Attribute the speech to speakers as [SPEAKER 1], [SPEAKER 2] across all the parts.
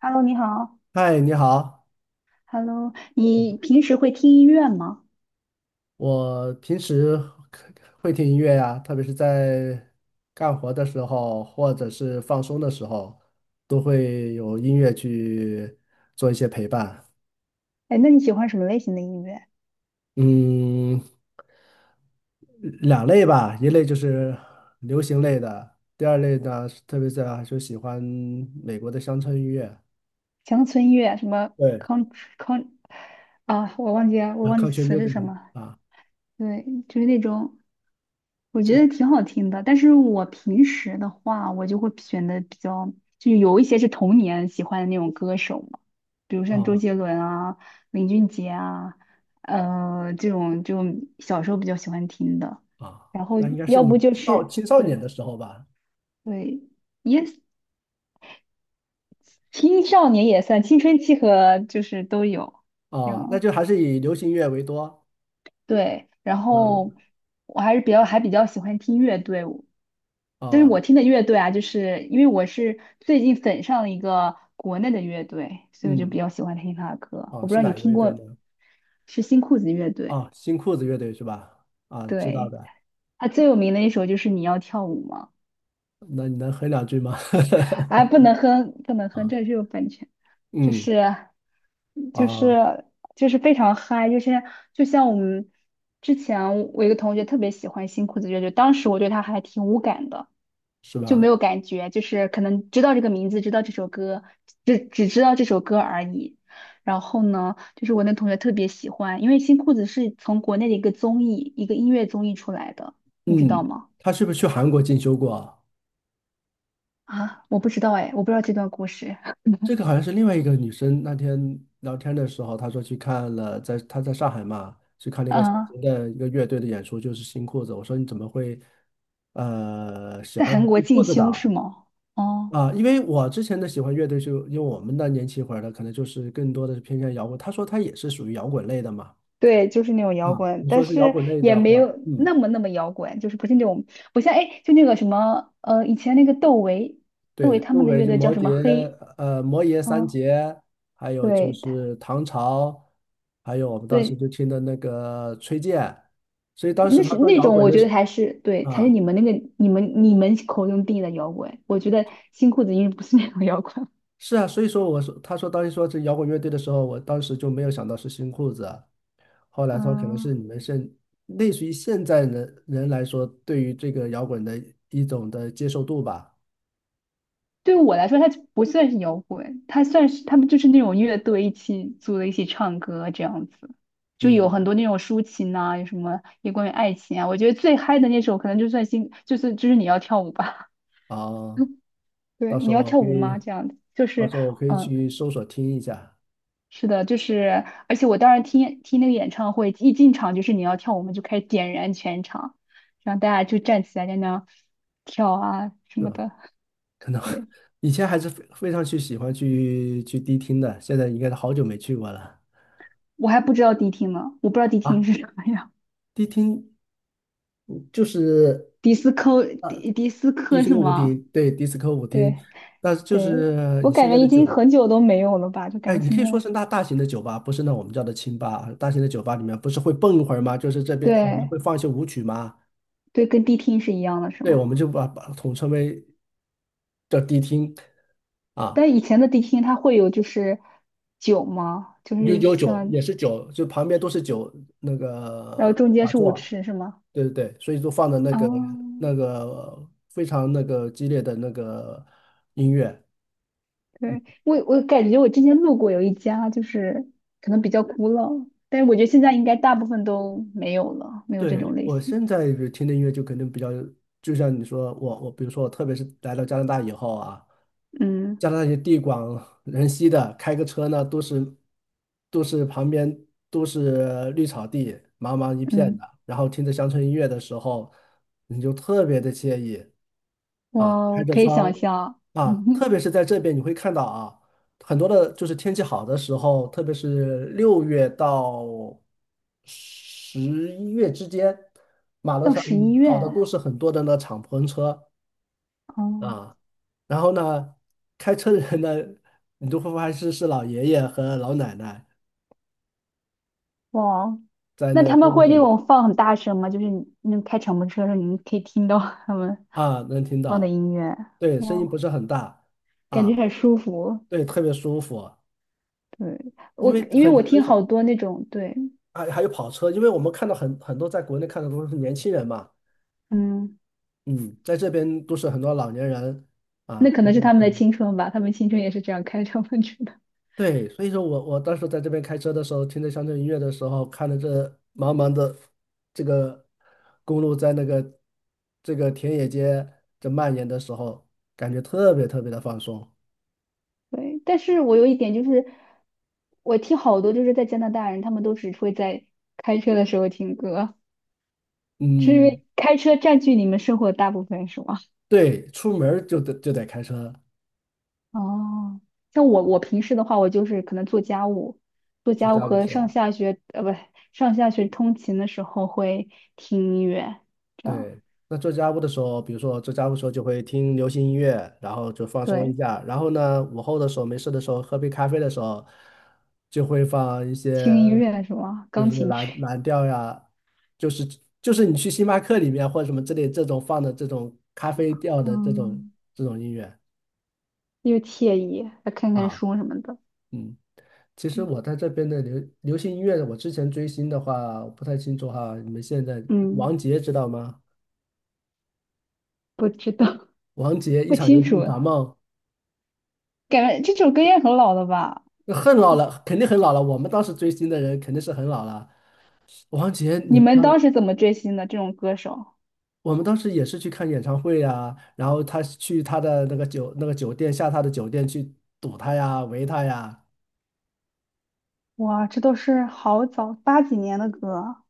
[SPEAKER 1] Hello，你好。
[SPEAKER 2] 嗨，你好，
[SPEAKER 1] Hello，你平时会听音乐吗？
[SPEAKER 2] 我平时会听音乐呀，特别是在干活的时候，或者是放松的时候，都会有音乐去做一些陪伴。
[SPEAKER 1] 哎，那你喜欢什么类型的音乐？
[SPEAKER 2] 嗯，两类吧，一类就是流行类的，第二类呢，特别是啊就喜欢美国的乡村音乐，
[SPEAKER 1] 乡村音乐，什么
[SPEAKER 2] 对，
[SPEAKER 1] country 啊？我忘记了，我
[SPEAKER 2] 啊
[SPEAKER 1] 忘记
[SPEAKER 2] ，country
[SPEAKER 1] 词是
[SPEAKER 2] music
[SPEAKER 1] 什么。
[SPEAKER 2] 啊，
[SPEAKER 1] 对，就是那种我
[SPEAKER 2] 就
[SPEAKER 1] 觉得
[SPEAKER 2] 是
[SPEAKER 1] 挺好听的。但是我平时的话，我就会选的比较，就有一些是童年喜欢的那种歌手嘛，比如像周
[SPEAKER 2] 啊
[SPEAKER 1] 杰伦啊、林俊杰啊，这种就小时候比较喜欢听的。然后
[SPEAKER 2] 那应该是
[SPEAKER 1] 要不
[SPEAKER 2] 你
[SPEAKER 1] 就
[SPEAKER 2] 少
[SPEAKER 1] 是
[SPEAKER 2] 青少年
[SPEAKER 1] 对。
[SPEAKER 2] 的时候吧？
[SPEAKER 1] 对，也青少年也算，青春期和就是都有，这
[SPEAKER 2] 啊，那
[SPEAKER 1] 样
[SPEAKER 2] 就还是以流行乐为多。
[SPEAKER 1] 对。然
[SPEAKER 2] 嗯
[SPEAKER 1] 后我还是比较喜欢听乐队，但是
[SPEAKER 2] 啊
[SPEAKER 1] 我听的乐队啊，就是因为我是最近粉上了一个国内的乐队，所以我就
[SPEAKER 2] 嗯
[SPEAKER 1] 比较喜欢听他的歌。
[SPEAKER 2] 哦，
[SPEAKER 1] 我不知
[SPEAKER 2] 是
[SPEAKER 1] 道你
[SPEAKER 2] 哪一个
[SPEAKER 1] 听
[SPEAKER 2] 乐队呢？
[SPEAKER 1] 过，是新裤子乐队，
[SPEAKER 2] 哦，新裤子乐队是吧？啊，知道
[SPEAKER 1] 对，
[SPEAKER 2] 的。
[SPEAKER 1] 他最有名的一首就是《你要跳舞吗》。
[SPEAKER 2] 那你能哼两句吗？
[SPEAKER 1] 哎，不能哼，不能哼，
[SPEAKER 2] 啊，
[SPEAKER 1] 这就是有版权，就
[SPEAKER 2] 嗯
[SPEAKER 1] 是就
[SPEAKER 2] 啊，
[SPEAKER 1] 是就是非常嗨，就是就像我们之前我一个同学特别喜欢新裤子乐队，当时我对他还挺无感的，
[SPEAKER 2] 是
[SPEAKER 1] 就没
[SPEAKER 2] 吧？
[SPEAKER 1] 有感觉，就是可能知道这个名字，知道这首歌，只知道这首歌而已。然后呢，就是我那同学特别喜欢，因为新裤子是从国内的一个综艺，一个音乐综艺出来的，你知
[SPEAKER 2] 嗯，
[SPEAKER 1] 道吗？
[SPEAKER 2] 他是不是去韩国进修过啊？
[SPEAKER 1] 啊，我不知道哎，我不知道这段故事，
[SPEAKER 2] 这个好像是另外一个女生那天聊天的时候，她说去看了，在她在上海嘛，去看了一 个小
[SPEAKER 1] 嗯。
[SPEAKER 2] 型的一个乐队的演出，就是新裤子。我说你怎么会喜
[SPEAKER 1] 在
[SPEAKER 2] 欢
[SPEAKER 1] 韩国
[SPEAKER 2] 新裤
[SPEAKER 1] 进
[SPEAKER 2] 子的
[SPEAKER 1] 修
[SPEAKER 2] 啊
[SPEAKER 1] 是吗？哦，
[SPEAKER 2] 啊，因为我之前的喜欢乐队就，因为我们的年轻一会儿的，可能就是更多的是偏向摇滚。他说他也是属于摇滚类的嘛。
[SPEAKER 1] 对，就是那种摇
[SPEAKER 2] 啊，
[SPEAKER 1] 滚，
[SPEAKER 2] 你
[SPEAKER 1] 但
[SPEAKER 2] 说是摇
[SPEAKER 1] 是
[SPEAKER 2] 滚类
[SPEAKER 1] 也
[SPEAKER 2] 的
[SPEAKER 1] 没
[SPEAKER 2] 话，
[SPEAKER 1] 有
[SPEAKER 2] 嗯，
[SPEAKER 1] 那么那么摇滚，就是不是那种不像哎，就那个什么以前那个窦唯，窦
[SPEAKER 2] 对，
[SPEAKER 1] 唯他
[SPEAKER 2] 周
[SPEAKER 1] 们的
[SPEAKER 2] 围
[SPEAKER 1] 乐
[SPEAKER 2] 就
[SPEAKER 1] 队叫
[SPEAKER 2] 摩
[SPEAKER 1] 什么
[SPEAKER 2] 羯，
[SPEAKER 1] 黑，
[SPEAKER 2] 呃，摩羯三
[SPEAKER 1] 嗯，
[SPEAKER 2] 杰，还有就
[SPEAKER 1] 对，他
[SPEAKER 2] 是唐朝，还有我们当时
[SPEAKER 1] 对，
[SPEAKER 2] 就听的那个崔健。所以当时
[SPEAKER 1] 那
[SPEAKER 2] 他
[SPEAKER 1] 是
[SPEAKER 2] 说
[SPEAKER 1] 那
[SPEAKER 2] 摇
[SPEAKER 1] 种
[SPEAKER 2] 滚
[SPEAKER 1] 我觉得还是对，才是
[SPEAKER 2] 啊，
[SPEAKER 1] 你们那个你们你们口中定义的摇滚，我觉得新裤子音该不是那种摇滚，
[SPEAKER 2] 是啊，所以说我说他说当时说这摇滚乐队的时候，我当时就没有想到是新裤子。后 来说可能是
[SPEAKER 1] 嗯，
[SPEAKER 2] 你们现类似于现在人人来说，对于这个摇滚的一种的接受度吧。
[SPEAKER 1] 对，我来说，它就不算是摇滚，它算是他们就是那种乐队一起组的一起唱歌这样子，就有
[SPEAKER 2] 嗯，
[SPEAKER 1] 很多那种抒情啊，有什么也关于爱情啊。我觉得最嗨的那首可能就算心，就是你要跳舞吧，
[SPEAKER 2] 啊，到
[SPEAKER 1] 对，
[SPEAKER 2] 时
[SPEAKER 1] 你
[SPEAKER 2] 候
[SPEAKER 1] 要
[SPEAKER 2] 我
[SPEAKER 1] 跳
[SPEAKER 2] 可
[SPEAKER 1] 舞
[SPEAKER 2] 以，
[SPEAKER 1] 吗？这样子就
[SPEAKER 2] 到
[SPEAKER 1] 是
[SPEAKER 2] 时候我可以
[SPEAKER 1] 嗯，
[SPEAKER 2] 去搜索听一下，
[SPEAKER 1] 是的，就是而且我当时听那个演唱会，一进场就是你要跳舞我们就开始点燃全场，让大家就站起来在那跳啊什
[SPEAKER 2] 是
[SPEAKER 1] 么
[SPEAKER 2] 吧？
[SPEAKER 1] 的。
[SPEAKER 2] 可能
[SPEAKER 1] 对，
[SPEAKER 2] 以前还是非常去喜欢去迪厅的，现在应该是好久没去过了
[SPEAKER 1] 我还不知道迪厅呢，我不知道迪厅
[SPEAKER 2] 啊。
[SPEAKER 1] 是什么样。
[SPEAKER 2] 迪厅就是
[SPEAKER 1] 迪斯科迪迪斯
[SPEAKER 2] 迪
[SPEAKER 1] 科
[SPEAKER 2] 斯
[SPEAKER 1] 是
[SPEAKER 2] 科舞
[SPEAKER 1] 吗？
[SPEAKER 2] 厅，对，迪斯科舞
[SPEAKER 1] 对
[SPEAKER 2] 厅，但是就
[SPEAKER 1] 对，
[SPEAKER 2] 是
[SPEAKER 1] 我
[SPEAKER 2] 你
[SPEAKER 1] 感
[SPEAKER 2] 现
[SPEAKER 1] 觉
[SPEAKER 2] 在
[SPEAKER 1] 已经很久都没有了吧，就
[SPEAKER 2] 哎，
[SPEAKER 1] 感觉
[SPEAKER 2] 你
[SPEAKER 1] 现
[SPEAKER 2] 可以
[SPEAKER 1] 在
[SPEAKER 2] 说是那大型的酒吧，不是那我们叫的清吧啊。大型的酒吧里面不是会蹦一会儿吗？就是这边我们
[SPEAKER 1] 对
[SPEAKER 2] 会放一些舞曲吗？
[SPEAKER 1] 对，跟迪厅是一样的，是
[SPEAKER 2] 对，
[SPEAKER 1] 吗？
[SPEAKER 2] 我们就把统称为叫迪厅啊，
[SPEAKER 1] 但以前的迪厅它会有就是酒吗？就
[SPEAKER 2] 有
[SPEAKER 1] 是
[SPEAKER 2] 有酒
[SPEAKER 1] 像，
[SPEAKER 2] 也是酒，就旁边都是酒那
[SPEAKER 1] 然后
[SPEAKER 2] 个
[SPEAKER 1] 中间
[SPEAKER 2] 卡
[SPEAKER 1] 是舞
[SPEAKER 2] 座，
[SPEAKER 1] 池是吗？
[SPEAKER 2] 对对对，所以就放的那
[SPEAKER 1] 啊，
[SPEAKER 2] 个那个非常那个激烈的那个音乐。
[SPEAKER 1] 对，我感觉我之前路过有一家，就是可能比较古老，但是我觉得现在应该大部分都没有了，没有这
[SPEAKER 2] 对，
[SPEAKER 1] 种类
[SPEAKER 2] 我
[SPEAKER 1] 型。
[SPEAKER 2] 现在比如听的音乐就肯定比较，就像你说，我比如说我特别是来到加拿大以后啊，
[SPEAKER 1] 嗯
[SPEAKER 2] 加拿大也地广人稀的，开个车呢都是旁边都是绿草地，茫茫一片的，
[SPEAKER 1] 嗯，
[SPEAKER 2] 然后听着乡村音乐的时候，你就特别的惬意。啊，开
[SPEAKER 1] 我
[SPEAKER 2] 着
[SPEAKER 1] 可以
[SPEAKER 2] 窗
[SPEAKER 1] 想象，
[SPEAKER 2] 啊，特 别是在这边你会看到啊，很多的就是天气好的时候，特别是6月到11月之间，马路
[SPEAKER 1] 到
[SPEAKER 2] 上
[SPEAKER 1] 十一月。
[SPEAKER 2] 跑的都是很多的那敞篷车
[SPEAKER 1] 哦，
[SPEAKER 2] 啊，然后呢，开车的人呢，你就会发现是老爷爷和老奶奶
[SPEAKER 1] 哇，
[SPEAKER 2] 在
[SPEAKER 1] 那
[SPEAKER 2] 那个
[SPEAKER 1] 他
[SPEAKER 2] 公
[SPEAKER 1] 们
[SPEAKER 2] 路
[SPEAKER 1] 会
[SPEAKER 2] 上
[SPEAKER 1] 那种放很大声吗？就是你那开敞篷车的时候，你们可以听到他们
[SPEAKER 2] 啊，能听
[SPEAKER 1] 放的
[SPEAKER 2] 到，
[SPEAKER 1] 音乐，
[SPEAKER 2] 对，声音不
[SPEAKER 1] 哇，
[SPEAKER 2] 是很大
[SPEAKER 1] 感
[SPEAKER 2] 啊，
[SPEAKER 1] 觉很舒服。
[SPEAKER 2] 对，特别舒服，
[SPEAKER 1] 对，
[SPEAKER 2] 因
[SPEAKER 1] 我
[SPEAKER 2] 为
[SPEAKER 1] 因为
[SPEAKER 2] 很
[SPEAKER 1] 我
[SPEAKER 2] 很
[SPEAKER 1] 听
[SPEAKER 2] 少。
[SPEAKER 1] 好多那种，对，
[SPEAKER 2] 还有跑车，因为我们看到很多在国内看的都是年轻人嘛，
[SPEAKER 1] 嗯，
[SPEAKER 2] 嗯，在这边都是很多老年人
[SPEAKER 1] 那
[SPEAKER 2] 啊，
[SPEAKER 1] 可
[SPEAKER 2] 开
[SPEAKER 1] 能
[SPEAKER 2] 这
[SPEAKER 1] 是
[SPEAKER 2] 种
[SPEAKER 1] 他们
[SPEAKER 2] 车
[SPEAKER 1] 的青春吧，他们青春也是这样开敞篷车的。
[SPEAKER 2] 对，所以说我当时在这边开车的时候，听着乡村音乐的时候，看着这茫茫的这个公路在那个这个田野间这蔓延的时候，感觉特别特别的放松。
[SPEAKER 1] 对，但是我有一点就是，我听好多就是在加拿大人，他们都只会在开车的时候听歌，是因
[SPEAKER 2] 嗯，
[SPEAKER 1] 为开车占据你们生活的大部分，是吗？
[SPEAKER 2] 对，出门儿就得开车，
[SPEAKER 1] 哦，像我平时的话，我就是可能做家务，做
[SPEAKER 2] 就
[SPEAKER 1] 家
[SPEAKER 2] 这
[SPEAKER 1] 务
[SPEAKER 2] 样子
[SPEAKER 1] 和
[SPEAKER 2] 是
[SPEAKER 1] 上
[SPEAKER 2] 吧
[SPEAKER 1] 下学，不，上下学通勤的时候会听音乐，这样
[SPEAKER 2] 对，那做家务的时候，比如说做家务的时候就会听流行音乐，然后就放松
[SPEAKER 1] 对，
[SPEAKER 2] 一下。然后呢，午后的时候没事的时候，喝杯咖啡的时候，就会放一些
[SPEAKER 1] 听音乐什么
[SPEAKER 2] 就
[SPEAKER 1] 钢
[SPEAKER 2] 是
[SPEAKER 1] 琴
[SPEAKER 2] 蓝
[SPEAKER 1] 曲，
[SPEAKER 2] 蓝调呀，就是就是你去星巴克里面或者什么之类这种放的这种咖啡调的这种
[SPEAKER 1] 嗯，
[SPEAKER 2] 这种音乐
[SPEAKER 1] 又惬意，还看看
[SPEAKER 2] 啊，
[SPEAKER 1] 书什么的，
[SPEAKER 2] 嗯。其实
[SPEAKER 1] 对，
[SPEAKER 2] 我在这边的流行音乐，我之前追星的话，我不太清楚哈。你们现在王
[SPEAKER 1] 嗯，
[SPEAKER 2] 杰知道吗？
[SPEAKER 1] 不知道
[SPEAKER 2] 王杰 一
[SPEAKER 1] 不
[SPEAKER 2] 场游
[SPEAKER 1] 清
[SPEAKER 2] 戏一
[SPEAKER 1] 楚，
[SPEAKER 2] 场梦。
[SPEAKER 1] 感觉这首歌也很老了吧？
[SPEAKER 2] 很老了，肯定很老了。我们当时追星的人肯定是很老了。王杰，你
[SPEAKER 1] 你
[SPEAKER 2] 不
[SPEAKER 1] 们
[SPEAKER 2] 要
[SPEAKER 1] 当时怎么追星的这种歌手？
[SPEAKER 2] 我们当时也是去看演唱会呀、然后他去他的那个酒店下他的酒店去堵他呀、围他呀，
[SPEAKER 1] 哇，这都是好早八几年的歌，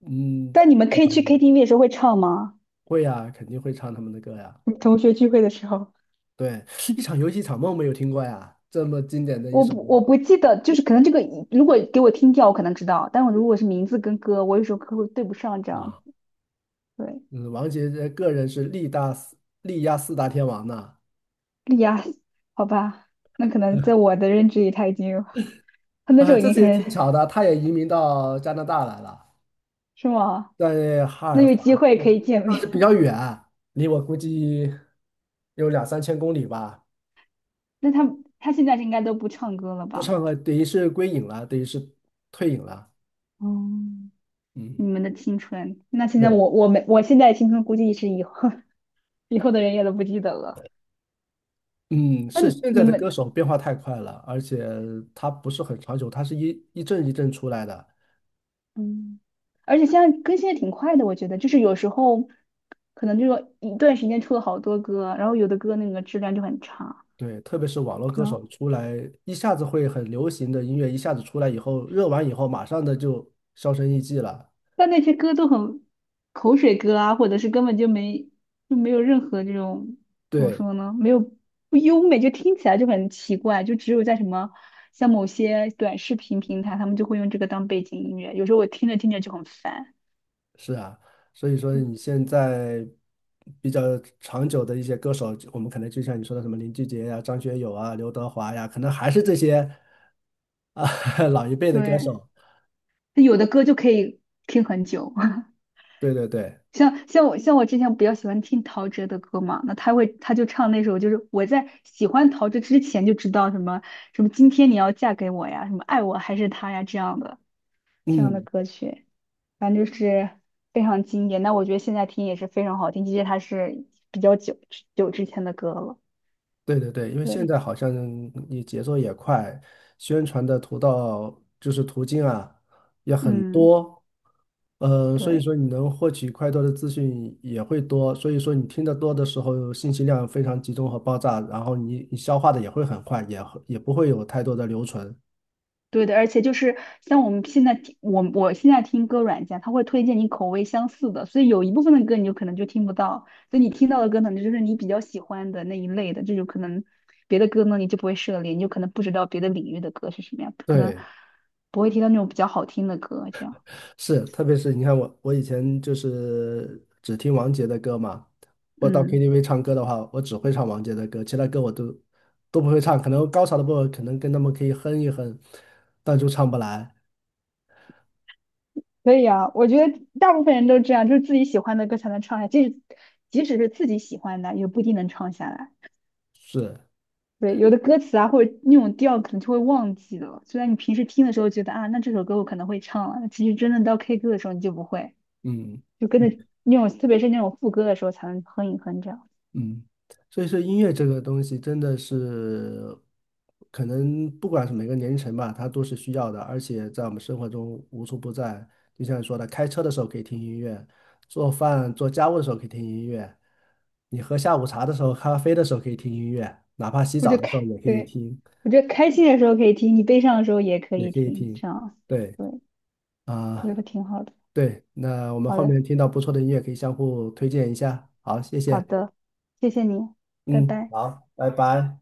[SPEAKER 2] 嗯，
[SPEAKER 1] 但你们可以去 KTV 的时候会唱吗？
[SPEAKER 2] 会呀、肯定会唱他们的歌呀。
[SPEAKER 1] 你同学聚会的时候，
[SPEAKER 2] 对，一 场游戏一场梦没有听过呀，这么经典的一
[SPEAKER 1] 我
[SPEAKER 2] 首
[SPEAKER 1] 不
[SPEAKER 2] 歌
[SPEAKER 1] 我不记得，就是可能这个如果给我听调，我可能知道，但我如果是名字跟歌，我有时候可能会对不上这样
[SPEAKER 2] 啊。
[SPEAKER 1] 子。对，
[SPEAKER 2] 嗯，王杰这个人是力压四大天王呢
[SPEAKER 1] 莉亚，好吧，那可能在 我的认知里，他已经有，他那时
[SPEAKER 2] 啊，
[SPEAKER 1] 候已
[SPEAKER 2] 这
[SPEAKER 1] 经
[SPEAKER 2] 次也
[SPEAKER 1] 开始，
[SPEAKER 2] 挺巧的，他也移民到加拿大来了。
[SPEAKER 1] 是吗？
[SPEAKER 2] 在哈
[SPEAKER 1] 那
[SPEAKER 2] 尔
[SPEAKER 1] 有机
[SPEAKER 2] 法
[SPEAKER 1] 会可
[SPEAKER 2] 克，
[SPEAKER 1] 以见
[SPEAKER 2] 但是
[SPEAKER 1] 面。
[SPEAKER 2] 比较远，离我估计有两三千公里吧。
[SPEAKER 1] 那他现在应该都不唱歌了
[SPEAKER 2] 不
[SPEAKER 1] 吧？
[SPEAKER 2] 唱歌，等于是归隐了，等于是退隐了。
[SPEAKER 1] 嗯，
[SPEAKER 2] 嗯
[SPEAKER 1] 你们的青春，那现在
[SPEAKER 2] 对，
[SPEAKER 1] 我现在的青春估计是以后 以后的人也都不记得了。
[SPEAKER 2] 嗯，
[SPEAKER 1] 那
[SPEAKER 2] 是现
[SPEAKER 1] 你
[SPEAKER 2] 在的歌
[SPEAKER 1] 们
[SPEAKER 2] 手变化太快了，而且他不是很长久，他是一阵一阵出来的。
[SPEAKER 1] 嗯，而且现在更新的挺快的，我觉得就是有时候可能这说一段时间出了好多歌，然后有的歌那个质量就很差，
[SPEAKER 2] 对，特别是网络歌
[SPEAKER 1] 然
[SPEAKER 2] 手
[SPEAKER 1] 后
[SPEAKER 2] 出来，一下子会很流行的音乐，一下子出来以后，热完以后，马上的就销声匿迹了。
[SPEAKER 1] 但那些歌都很口水歌啊，或者是根本就没有任何这种怎么
[SPEAKER 2] 对，
[SPEAKER 1] 说呢，没有不优美，就听起来就很奇怪，就只有在什么像某些短视频平台，他们就会用这个当背景音乐，有时候我听着听着就很烦。
[SPEAKER 2] 是啊，所以说你现在比较长久的一些歌手，我们可能就像你说的什么林俊杰呀、张学友啊、刘德华呀，可能还是这些啊 老一辈的歌
[SPEAKER 1] 对，
[SPEAKER 2] 手。
[SPEAKER 1] 有的歌就可以听很久。
[SPEAKER 2] 对对对，
[SPEAKER 1] 像我之前比较喜欢听陶喆的歌嘛，那他就唱那首，就是我在喜欢陶喆之前就知道什么什么今天你要嫁给我呀，什么爱我还是他呀这样的
[SPEAKER 2] 嗯。
[SPEAKER 1] 歌曲，反正就是非常经典。那我觉得现在听也是非常好听，即使它是比较久久之前的歌了。
[SPEAKER 2] 对对对，因为现
[SPEAKER 1] 对，
[SPEAKER 2] 在好像你节奏也快，宣传的途道就是途径啊也很
[SPEAKER 1] 嗯，
[SPEAKER 2] 多，所以说
[SPEAKER 1] 对。
[SPEAKER 2] 你能获取快多的资讯也会多，所以说你听得多的时候，信息量非常集中和爆炸，然后你消化的也会很快，也不会有太多的留存。
[SPEAKER 1] 对的，而且就是像我们现在听，我现在听歌软件，它会推荐你口味相似的，所以有一部分的歌你就可能就听不到，所以你听到的歌可能就是你比较喜欢的那一类的，这就可能别的歌呢你就不会涉猎，你就可能不知道别的领域的歌是什么样，可能
[SPEAKER 2] 对。
[SPEAKER 1] 不会听到那种比较好听的歌，这样，
[SPEAKER 2] 是，特别是你看我，我以前就是只听王杰的歌嘛。我到
[SPEAKER 1] 嗯，
[SPEAKER 2] KTV 唱歌的话，我只会唱王杰的歌，其他歌我都不会唱。可能高潮的部分可能跟他们可以哼一哼，但就唱不来。
[SPEAKER 1] 可以啊，我觉得大部分人都这样，就是自己喜欢的歌才能唱下，即使是自己喜欢的，也不一定能唱下来。
[SPEAKER 2] 是，
[SPEAKER 1] 对，有的歌词啊，或者那种调可能就会忘记了。虽然你平时听的时候觉得啊，那这首歌我可能会唱了，其实真的到 K 歌的时候你就不会，
[SPEAKER 2] 嗯，
[SPEAKER 1] 就跟着那种，特别是那种副歌的时候才能哼一哼这样。
[SPEAKER 2] 嗯，所以说音乐这个东西真的是，可能不管是每个年龄层吧，它都是需要的，而且在我们生活中无处不在。就像你说的，开车的时候可以听音乐，做饭做家务的时候可以听音乐，你喝下午茶的时候、咖啡的时候可以听音乐，哪怕洗
[SPEAKER 1] 我
[SPEAKER 2] 澡
[SPEAKER 1] 就
[SPEAKER 2] 的时候
[SPEAKER 1] 开，
[SPEAKER 2] 也可以
[SPEAKER 1] 对，
[SPEAKER 2] 听，
[SPEAKER 1] 我觉得开心的时候可以听，你悲伤的时候也可
[SPEAKER 2] 也
[SPEAKER 1] 以
[SPEAKER 2] 可以
[SPEAKER 1] 听，
[SPEAKER 2] 听。
[SPEAKER 1] 这样，
[SPEAKER 2] 对
[SPEAKER 1] 对，我
[SPEAKER 2] 啊，
[SPEAKER 1] 觉得挺好的。
[SPEAKER 2] 对，那我们
[SPEAKER 1] 好
[SPEAKER 2] 后
[SPEAKER 1] 的，
[SPEAKER 2] 面听到不错的音乐可以相互推荐一下。好，谢
[SPEAKER 1] 好
[SPEAKER 2] 谢。
[SPEAKER 1] 的，谢谢你，拜
[SPEAKER 2] 嗯，
[SPEAKER 1] 拜。
[SPEAKER 2] 好，拜拜。